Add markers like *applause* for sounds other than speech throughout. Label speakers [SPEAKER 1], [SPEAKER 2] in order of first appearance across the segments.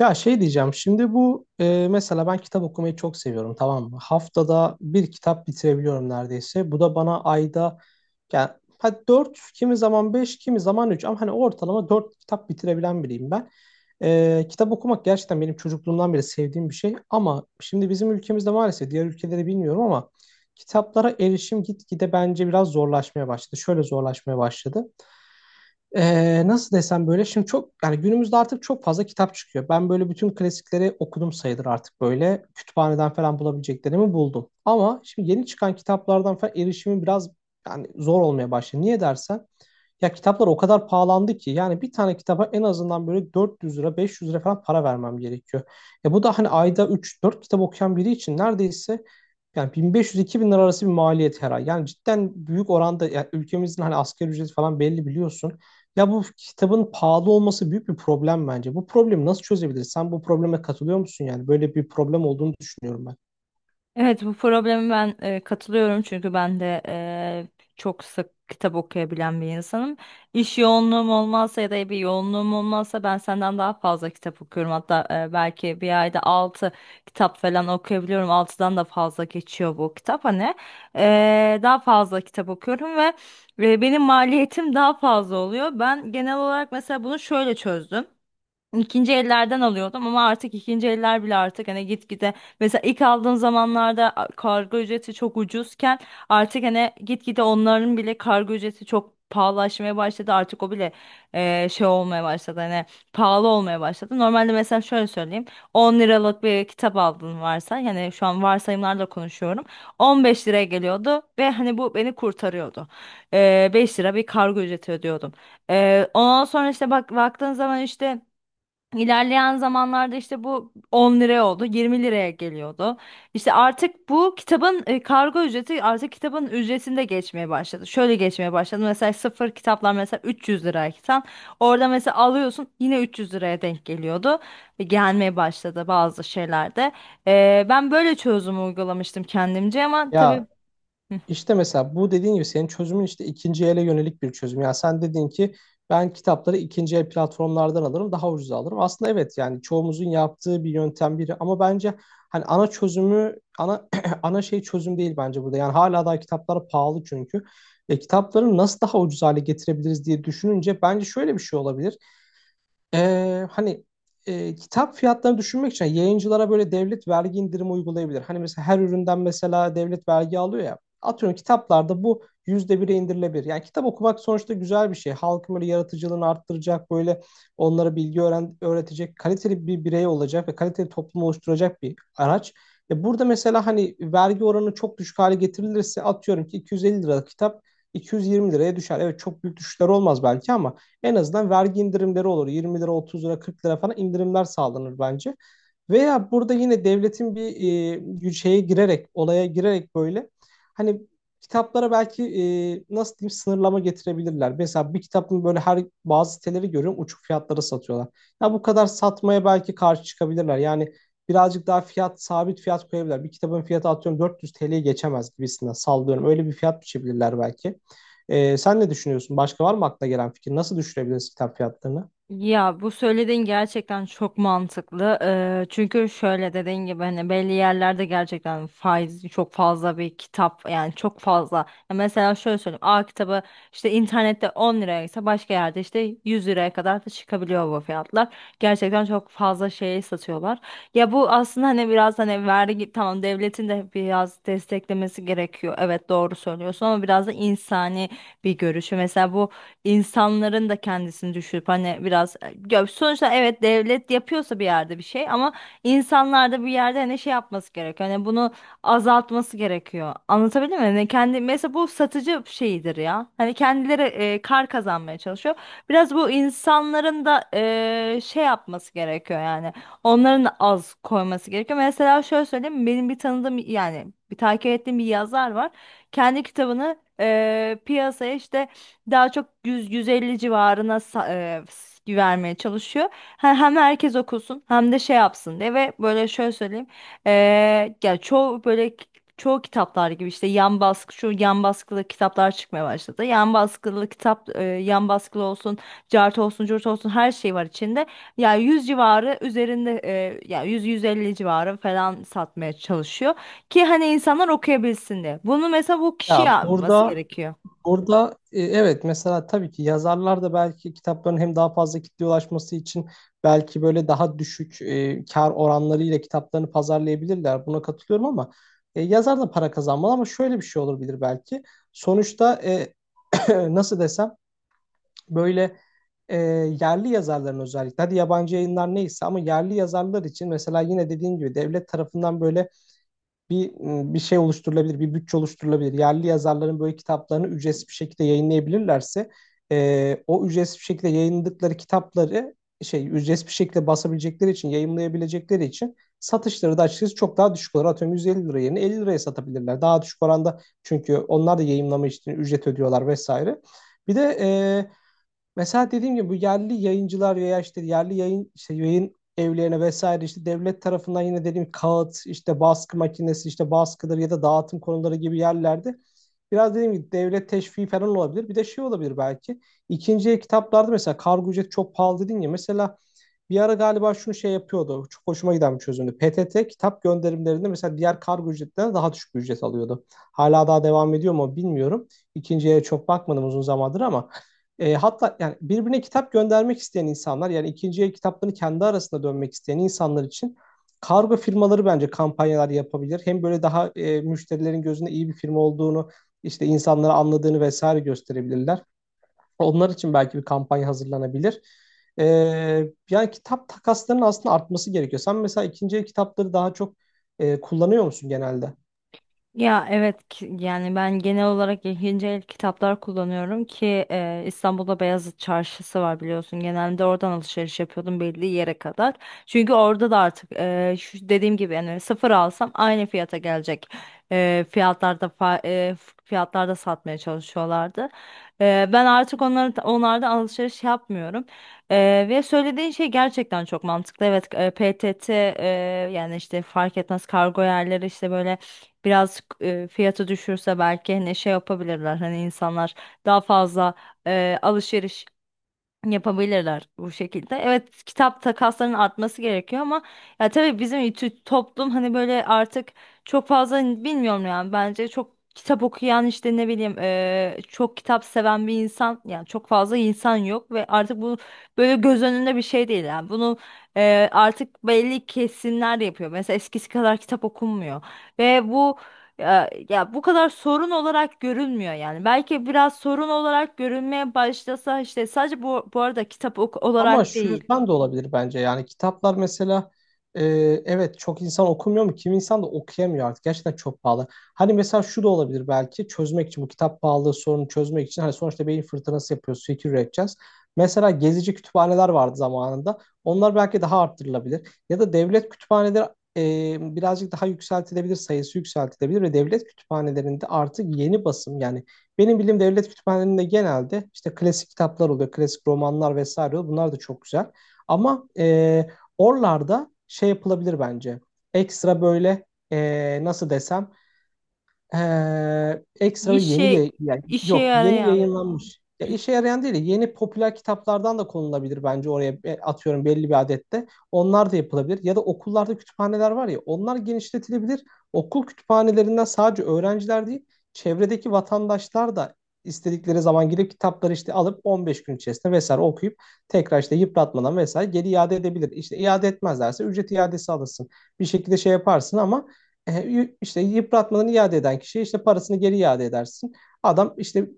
[SPEAKER 1] Ya şey diyeceğim şimdi bu mesela ben kitap okumayı çok seviyorum, tamam mı? Haftada bir kitap bitirebiliyorum neredeyse. Bu da bana ayda yani hadi 4, kimi zaman 5, kimi zaman 3 ama hani ortalama 4 kitap bitirebilen biriyim ben. Kitap okumak gerçekten benim çocukluğumdan beri sevdiğim bir şey, ama şimdi bizim ülkemizde maalesef, diğer ülkeleri bilmiyorum ama, kitaplara erişim gitgide bence biraz zorlaşmaya başladı. Şöyle zorlaşmaya başladı. Nasıl desem, böyle şimdi çok yani günümüzde artık çok fazla kitap çıkıyor. Ben böyle bütün klasikleri okudum sayılır, artık böyle kütüphaneden falan bulabileceklerimi buldum. Ama şimdi yeni çıkan kitaplardan falan erişimi biraz yani zor olmaya başladı. Niye dersen ya, kitaplar o kadar pahalandı ki yani bir tane kitaba en azından böyle 400 lira, 500 lira falan para vermem gerekiyor. Bu da hani ayda üç dört kitap okuyan biri için neredeyse yani 1500-2000 lira arası bir maliyet her ay. Yani cidden büyük oranda, yani ülkemizin hani asgari ücreti falan belli, biliyorsun. Ya bu kitabın pahalı olması büyük bir problem bence. Bu problemi nasıl çözebiliriz? Sen bu probleme katılıyor musun yani? Böyle bir problem olduğunu düşünüyorum ben.
[SPEAKER 2] Evet bu problemi ben katılıyorum, çünkü ben de çok sık kitap okuyabilen bir insanım. İş yoğunluğum olmazsa ya da bir yoğunluğum olmazsa ben senden daha fazla kitap okuyorum. Hatta belki bir ayda 6 kitap falan okuyabiliyorum. 6'dan da fazla geçiyor bu kitap hani. Daha fazla kitap okuyorum ve benim maliyetim daha fazla oluyor. Ben genel olarak mesela bunu şöyle çözdüm. İkinci ellerden alıyordum, ama artık ikinci eller bile artık hani gitgide, mesela ilk aldığım zamanlarda kargo ücreti çok ucuzken artık hani gitgide onların bile kargo ücreti çok pahalılaşmaya başladı. Artık o bile e, şey olmaya başladı hani pahalı olmaya başladı. Normalde mesela şöyle söyleyeyim, 10 liralık bir kitap aldın varsa, yani şu an varsayımlarla konuşuyorum, 15 liraya geliyordu ve hani bu beni kurtarıyordu. 5 lira bir kargo ücreti ödüyordum. Ondan sonra işte bak, baktığın zaman işte İlerleyen zamanlarda işte bu 10 liraya oldu, 20 liraya geliyordu. İşte artık bu kitabın kargo ücreti artık kitabın ücretinde geçmeye başladı. Şöyle geçmeye başladı: mesela sıfır kitaplar mesela 300 lirayken orada mesela alıyorsun, yine 300 liraya denk geliyordu. Gelmeye başladı bazı şeylerde. Ben böyle çözüm uygulamıştım kendimce, ama tabii.
[SPEAKER 1] Ya, İşte mesela bu dediğin gibi senin çözümün işte ikinci ele yönelik bir çözüm. Yani sen dedin ki, ben kitapları ikinci el platformlardan alırım, daha ucuza alırım. Aslında evet, yani çoğumuzun yaptığı bir yöntem biri, ama bence hani ana çözümü, ana *clears throat* ana şey, çözüm değil bence burada. Yani hala daha kitaplar pahalı çünkü. Kitapları nasıl daha ucuz hale getirebiliriz diye düşününce bence şöyle bir şey olabilir. Hani, kitap fiyatlarını düşünmek için yayıncılara böyle devlet vergi indirimi uygulayabilir. Hani mesela her üründen mesela devlet vergi alıyor ya. Atıyorum kitaplarda bu yüzde bire indirilebilir. Yani kitap okumak sonuçta güzel bir şey. Halkın böyle yaratıcılığını arttıracak, böyle onlara bilgi öğretecek, kaliteli bir birey olacak ve kaliteli toplum oluşturacak bir araç. Burada mesela hani vergi oranı çok düşük hale getirilirse, atıyorum ki 250 liralık kitap 220 liraya düşer. Evet, çok büyük düşüşler olmaz belki, ama en azından vergi indirimleri olur. 20 lira, 30 lira, 40 lira falan indirimler sağlanır bence. Veya burada yine devletin bir şeye girerek, olaya girerek, böyle hani kitaplara belki nasıl diyeyim, sınırlama getirebilirler. Mesela bir kitabın böyle, her, bazı siteleri görüyorum uçuk fiyatlara satıyorlar. Ya bu kadar satmaya belki karşı çıkabilirler. Yani birazcık daha fiyat, sabit fiyat koyabilirler. Bir kitabın fiyatı atıyorum 400 TL'ye geçemez gibisinden, sallıyorum. Öyle bir fiyat biçebilirler belki. Sen ne düşünüyorsun? Başka var mı aklına gelen fikir? Nasıl düşürebiliriz kitap fiyatlarını?
[SPEAKER 2] Ya bu söylediğin gerçekten çok mantıklı. Çünkü şöyle, dediğin gibi hani belli yerlerde gerçekten faiz çok fazla bir kitap, yani çok fazla. Ya mesela şöyle söyleyeyim. A kitabı işte internette 10 liraya ise başka yerde işte 100 liraya kadar da çıkabiliyor bu fiyatlar. Gerçekten çok fazla şey satıyorlar. Ya bu aslında hani biraz hani vergi, tamam devletin de biraz desteklemesi gerekiyor, evet doğru söylüyorsun, ama biraz da insani bir görüşü. Mesela bu insanların da kendisini düşürüp hani biraz, ya sonuçta evet devlet yapıyorsa bir yerde bir şey, ama insanlar da bir yerde hani şey yapması gerekiyor. Hani bunu azaltması gerekiyor. Anlatabildim mi? Hani kendi mesela bu satıcı şeyidir ya. Hani kendileri kar kazanmaya çalışıyor. Biraz bu insanların da şey yapması gerekiyor yani. Onların da az koyması gerekiyor. Mesela şöyle söyleyeyim. Benim bir tanıdığım, yani bir takip ettiğim bir yazar var. Kendi kitabını piyasaya işte daha çok 100-150 civarına vermeye çalışıyor. Hem herkes okusun hem de şey yapsın diye. Ve böyle şöyle söyleyeyim. E, Ya çoğu böyle çoğu kitaplar gibi işte yan baskı, şu yan baskılı kitaplar çıkmaya başladı. Yan baskılı kitap yan baskılı olsun, cart olsun, curt olsun, her şey var içinde. Yani 100 civarı üzerinde yani 100-150 civarı falan satmaya çalışıyor ki hani insanlar okuyabilsin diye. Bunu mesela bu kişi
[SPEAKER 1] Ya
[SPEAKER 2] yapması
[SPEAKER 1] burada,
[SPEAKER 2] gerekiyor.
[SPEAKER 1] orada evet, mesela tabii ki yazarlar da belki kitapların hem daha fazla kitleye ulaşması için belki böyle daha düşük kar oranlarıyla kitaplarını pazarlayabilirler. Buna katılıyorum, ama yazar da para kazanmalı, ama şöyle bir şey olabilir belki. Sonuçta *clears throat* nasıl desem, böyle e, yerli yazarların özellikle, hadi yabancı yayınlar neyse ama yerli yazarlar için mesela, yine dediğin gibi devlet tarafından böyle bir bir şey oluşturulabilir, bir bütçe oluşturulabilir. Yerli yazarların böyle kitaplarını ücretsiz bir şekilde yayınlayabilirlerse, o ücretsiz bir şekilde yayınladıkları kitapları şey, ücretsiz bir şekilde basabilecekleri için, yayımlayabilecekleri için satışları da açıkçası çok daha düşük olur. Atıyorum 150 lira yerine 50 liraya satabilirler. Daha düşük oranda, çünkü onlar da yayınlama için ücret ödüyorlar vesaire. Bir de mesela dediğim gibi bu yerli yayıncılar veya işte yerli yayın, işte yayın evlerine vesaire, işte devlet tarafından yine dediğim gibi kağıt, işte baskı makinesi, işte baskıdır ya da dağıtım konuları gibi yerlerde biraz dediğim gibi devlet teşviki falan olabilir. Bir de şey olabilir belki. İkinci el kitaplarda mesela kargo ücreti çok pahalı dedin ya, mesela bir ara galiba şunu şey yapıyordu, çok hoşuma giden bir çözümdü. PTT kitap gönderimlerinde mesela diğer kargo ücretlerinden daha düşük bir ücret alıyordu. Hala daha devam ediyor mu bilmiyorum. İkinciye çok bakmadım uzun zamandır, ama hatta yani birbirine kitap göndermek isteyen insanlar, yani ikinciye kitaplarını kendi arasında dönmek isteyen insanlar için kargo firmaları bence kampanyalar yapabilir. Hem böyle daha müşterilerin gözünde iyi bir firma olduğunu, işte insanlara anladığını vesaire gösterebilirler. Onlar için belki bir kampanya hazırlanabilir. Ee, Yani kitap takaslarının aslında artması gerekiyor. Sen mesela ikinci el kitapları daha çok kullanıyor musun genelde?
[SPEAKER 2] Ya evet, yani ben genel olarak ikinci el kitaplar kullanıyorum ki İstanbul'da Beyazıt Çarşısı var, biliyorsun. Genelde oradan alışveriş yapıyordum belli yere kadar. Çünkü orada da artık şu dediğim gibi yani sıfır alsam aynı fiyata gelecek. E, fiyatlarda fa- e, fiyatlarda satmaya çalışıyorlardı. Ben artık onlardan alışveriş yapmıyorum. Ve söylediğin şey gerçekten çok mantıklı. Evet, PTT yani işte fark etmez, kargo yerleri işte böyle biraz fiyatı düşürse belki hani şey yapabilirler, hani insanlar daha fazla alışveriş yapabilirler bu şekilde. Evet, kitap takaslarının artması gerekiyor, ama ya tabii bizim toplum hani böyle artık çok fazla hani bilmiyorum yani, bence çok kitap okuyan işte ne bileyim çok kitap seven bir insan, yani çok fazla insan yok ve artık bu böyle göz önünde bir şey değil yani. Bunu artık belli kesimler yapıyor. Mesela eskisi kadar kitap okunmuyor ve bu, ya bu kadar sorun olarak görünmüyor yani. Belki biraz sorun olarak görünmeye başlasa işte, sadece bu, bu arada kitap
[SPEAKER 1] Ama
[SPEAKER 2] olarak
[SPEAKER 1] şu
[SPEAKER 2] değil.
[SPEAKER 1] yüzden de olabilir bence. Yani kitaplar mesela, e, evet, çok insan okumuyor mu? Kim, insan da okuyamıyor artık. Gerçekten çok pahalı. Hani mesela şu da olabilir belki, çözmek için, bu kitap pahalılığı sorunu çözmek için, hani sonuçta beyin fırtınası yapıyoruz. Fikir üreteceğiz. Mesela gezici kütüphaneler vardı zamanında. Onlar belki daha arttırılabilir. Ya da devlet kütüphaneleri birazcık daha yükseltilebilir. Sayısı yükseltilebilir ve devlet kütüphanelerinde artık yeni basım, yani benim bildiğim devlet kütüphanelerinde genelde işte klasik kitaplar oluyor, klasik romanlar vesaire oluyor. Bunlar da çok güzel. Ama oralarda şey yapılabilir bence. Ekstra, böyle e, nasıl desem ekstra yeni
[SPEAKER 2] İşe
[SPEAKER 1] yani
[SPEAKER 2] işe
[SPEAKER 1] yok, yeni
[SPEAKER 2] yarayan.
[SPEAKER 1] yayınlanmış. Ya işe yarayan değil, de yeni popüler kitaplardan da konulabilir bence oraya. Atıyorum belli bir adette. Onlar da yapılabilir. Ya da okullarda kütüphaneler var ya, onlar genişletilebilir. Okul kütüphanelerinden sadece öğrenciler değil, çevredeki vatandaşlar da istedikleri zaman gidip kitapları işte alıp 15 gün içerisinde vesaire okuyup, tekrar işte yıpratmadan vesaire geri iade edebilir. İşte iade etmezlerse ücret iadesi alırsın. Bir şekilde şey yaparsın, ama işte yıpratmadan iade eden kişiye işte parasını geri iade edersin. Adam işte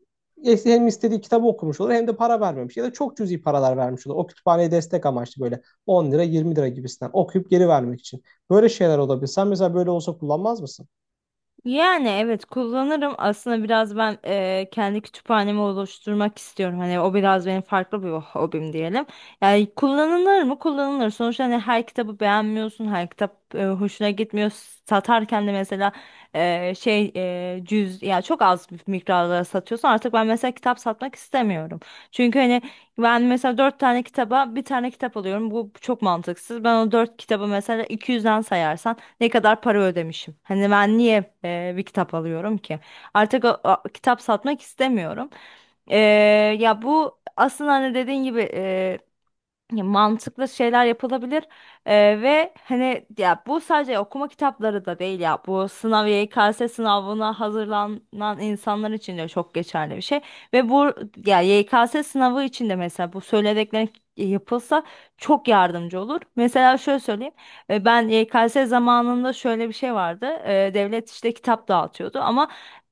[SPEAKER 1] hem istediği kitabı okumuş olur, hem de para vermemiş ya da çok cüzi paralar vermiş olur. O kütüphaneye destek amaçlı böyle on lira, yirmi lira gibisinden, okuyup geri vermek için. Böyle şeyler olabilir. Sen mesela böyle olsa kullanmaz mısın?
[SPEAKER 2] Yani evet kullanırım. Aslında biraz ben kendi kütüphanemi oluşturmak istiyorum. Hani o biraz benim farklı bir hobim diyelim. Yani kullanılır mı? Kullanılır. Sonuçta hani her kitabı beğenmiyorsun, her kitap hoşuna gitmiyor. Satarken de mesela cüz, ya çok az bir miktarlara satıyorsun. Artık ben mesela kitap satmak istemiyorum. Çünkü hani ben mesela dört tane kitaba bir tane kitap alıyorum. Bu çok mantıksız. Ben o dört kitabı mesela 200'den sayarsam ne kadar para ödemişim. Hani ben niye bir kitap alıyorum ki? Artık o kitap satmak istemiyorum. E, Ya bu aslında hani dediğin gibi, ya mantıklı şeyler yapılabilir. Ve hani ya bu sadece okuma kitapları da değil, ya bu sınav, YKS sınavına hazırlanan insanlar için de çok geçerli bir şey ve bu, ya YKS sınavı için de mesela bu söylediklerin yapılsa çok yardımcı olur. Mesela şöyle söyleyeyim. Ben YKS zamanında, şöyle bir şey vardı. E, devlet işte kitap dağıtıyordu ama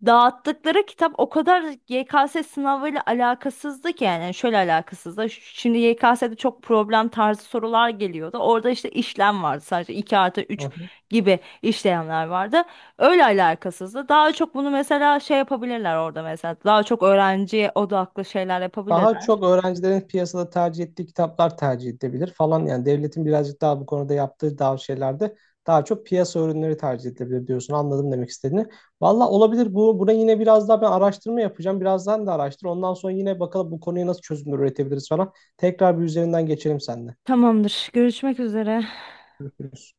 [SPEAKER 2] dağıttıkları kitap o kadar YKS sınavıyla alakasızdı ki, yani şöyle alakasızdı. Şimdi YKS'de çok problem tarzı sorular geliyordu. Orada işte işlem vardı, sadece 2 artı
[SPEAKER 1] Hı
[SPEAKER 2] üç
[SPEAKER 1] hı.
[SPEAKER 2] gibi işlemler vardı. Öyle alakasızdı. Daha çok bunu mesela şey yapabilirler orada mesela. Daha çok öğrenciye odaklı şeyler
[SPEAKER 1] Daha
[SPEAKER 2] yapabilirler.
[SPEAKER 1] çok öğrencilerin piyasada tercih ettiği kitaplar tercih edilebilir falan. Yani devletin birazcık daha bu konuda yaptığı daha şeylerde daha çok piyasa ürünleri tercih edilebilir diyorsun. Anladım demek istediğini. Valla olabilir. Bu, buna yine biraz daha ben araştırma yapacağım. Birazdan da araştır. Ondan sonra yine bakalım, bu konuya nasıl çözümler üretebiliriz falan. Tekrar bir üzerinden geçelim seninle.
[SPEAKER 2] Tamamdır. Görüşmek üzere.
[SPEAKER 1] Görüşürüz.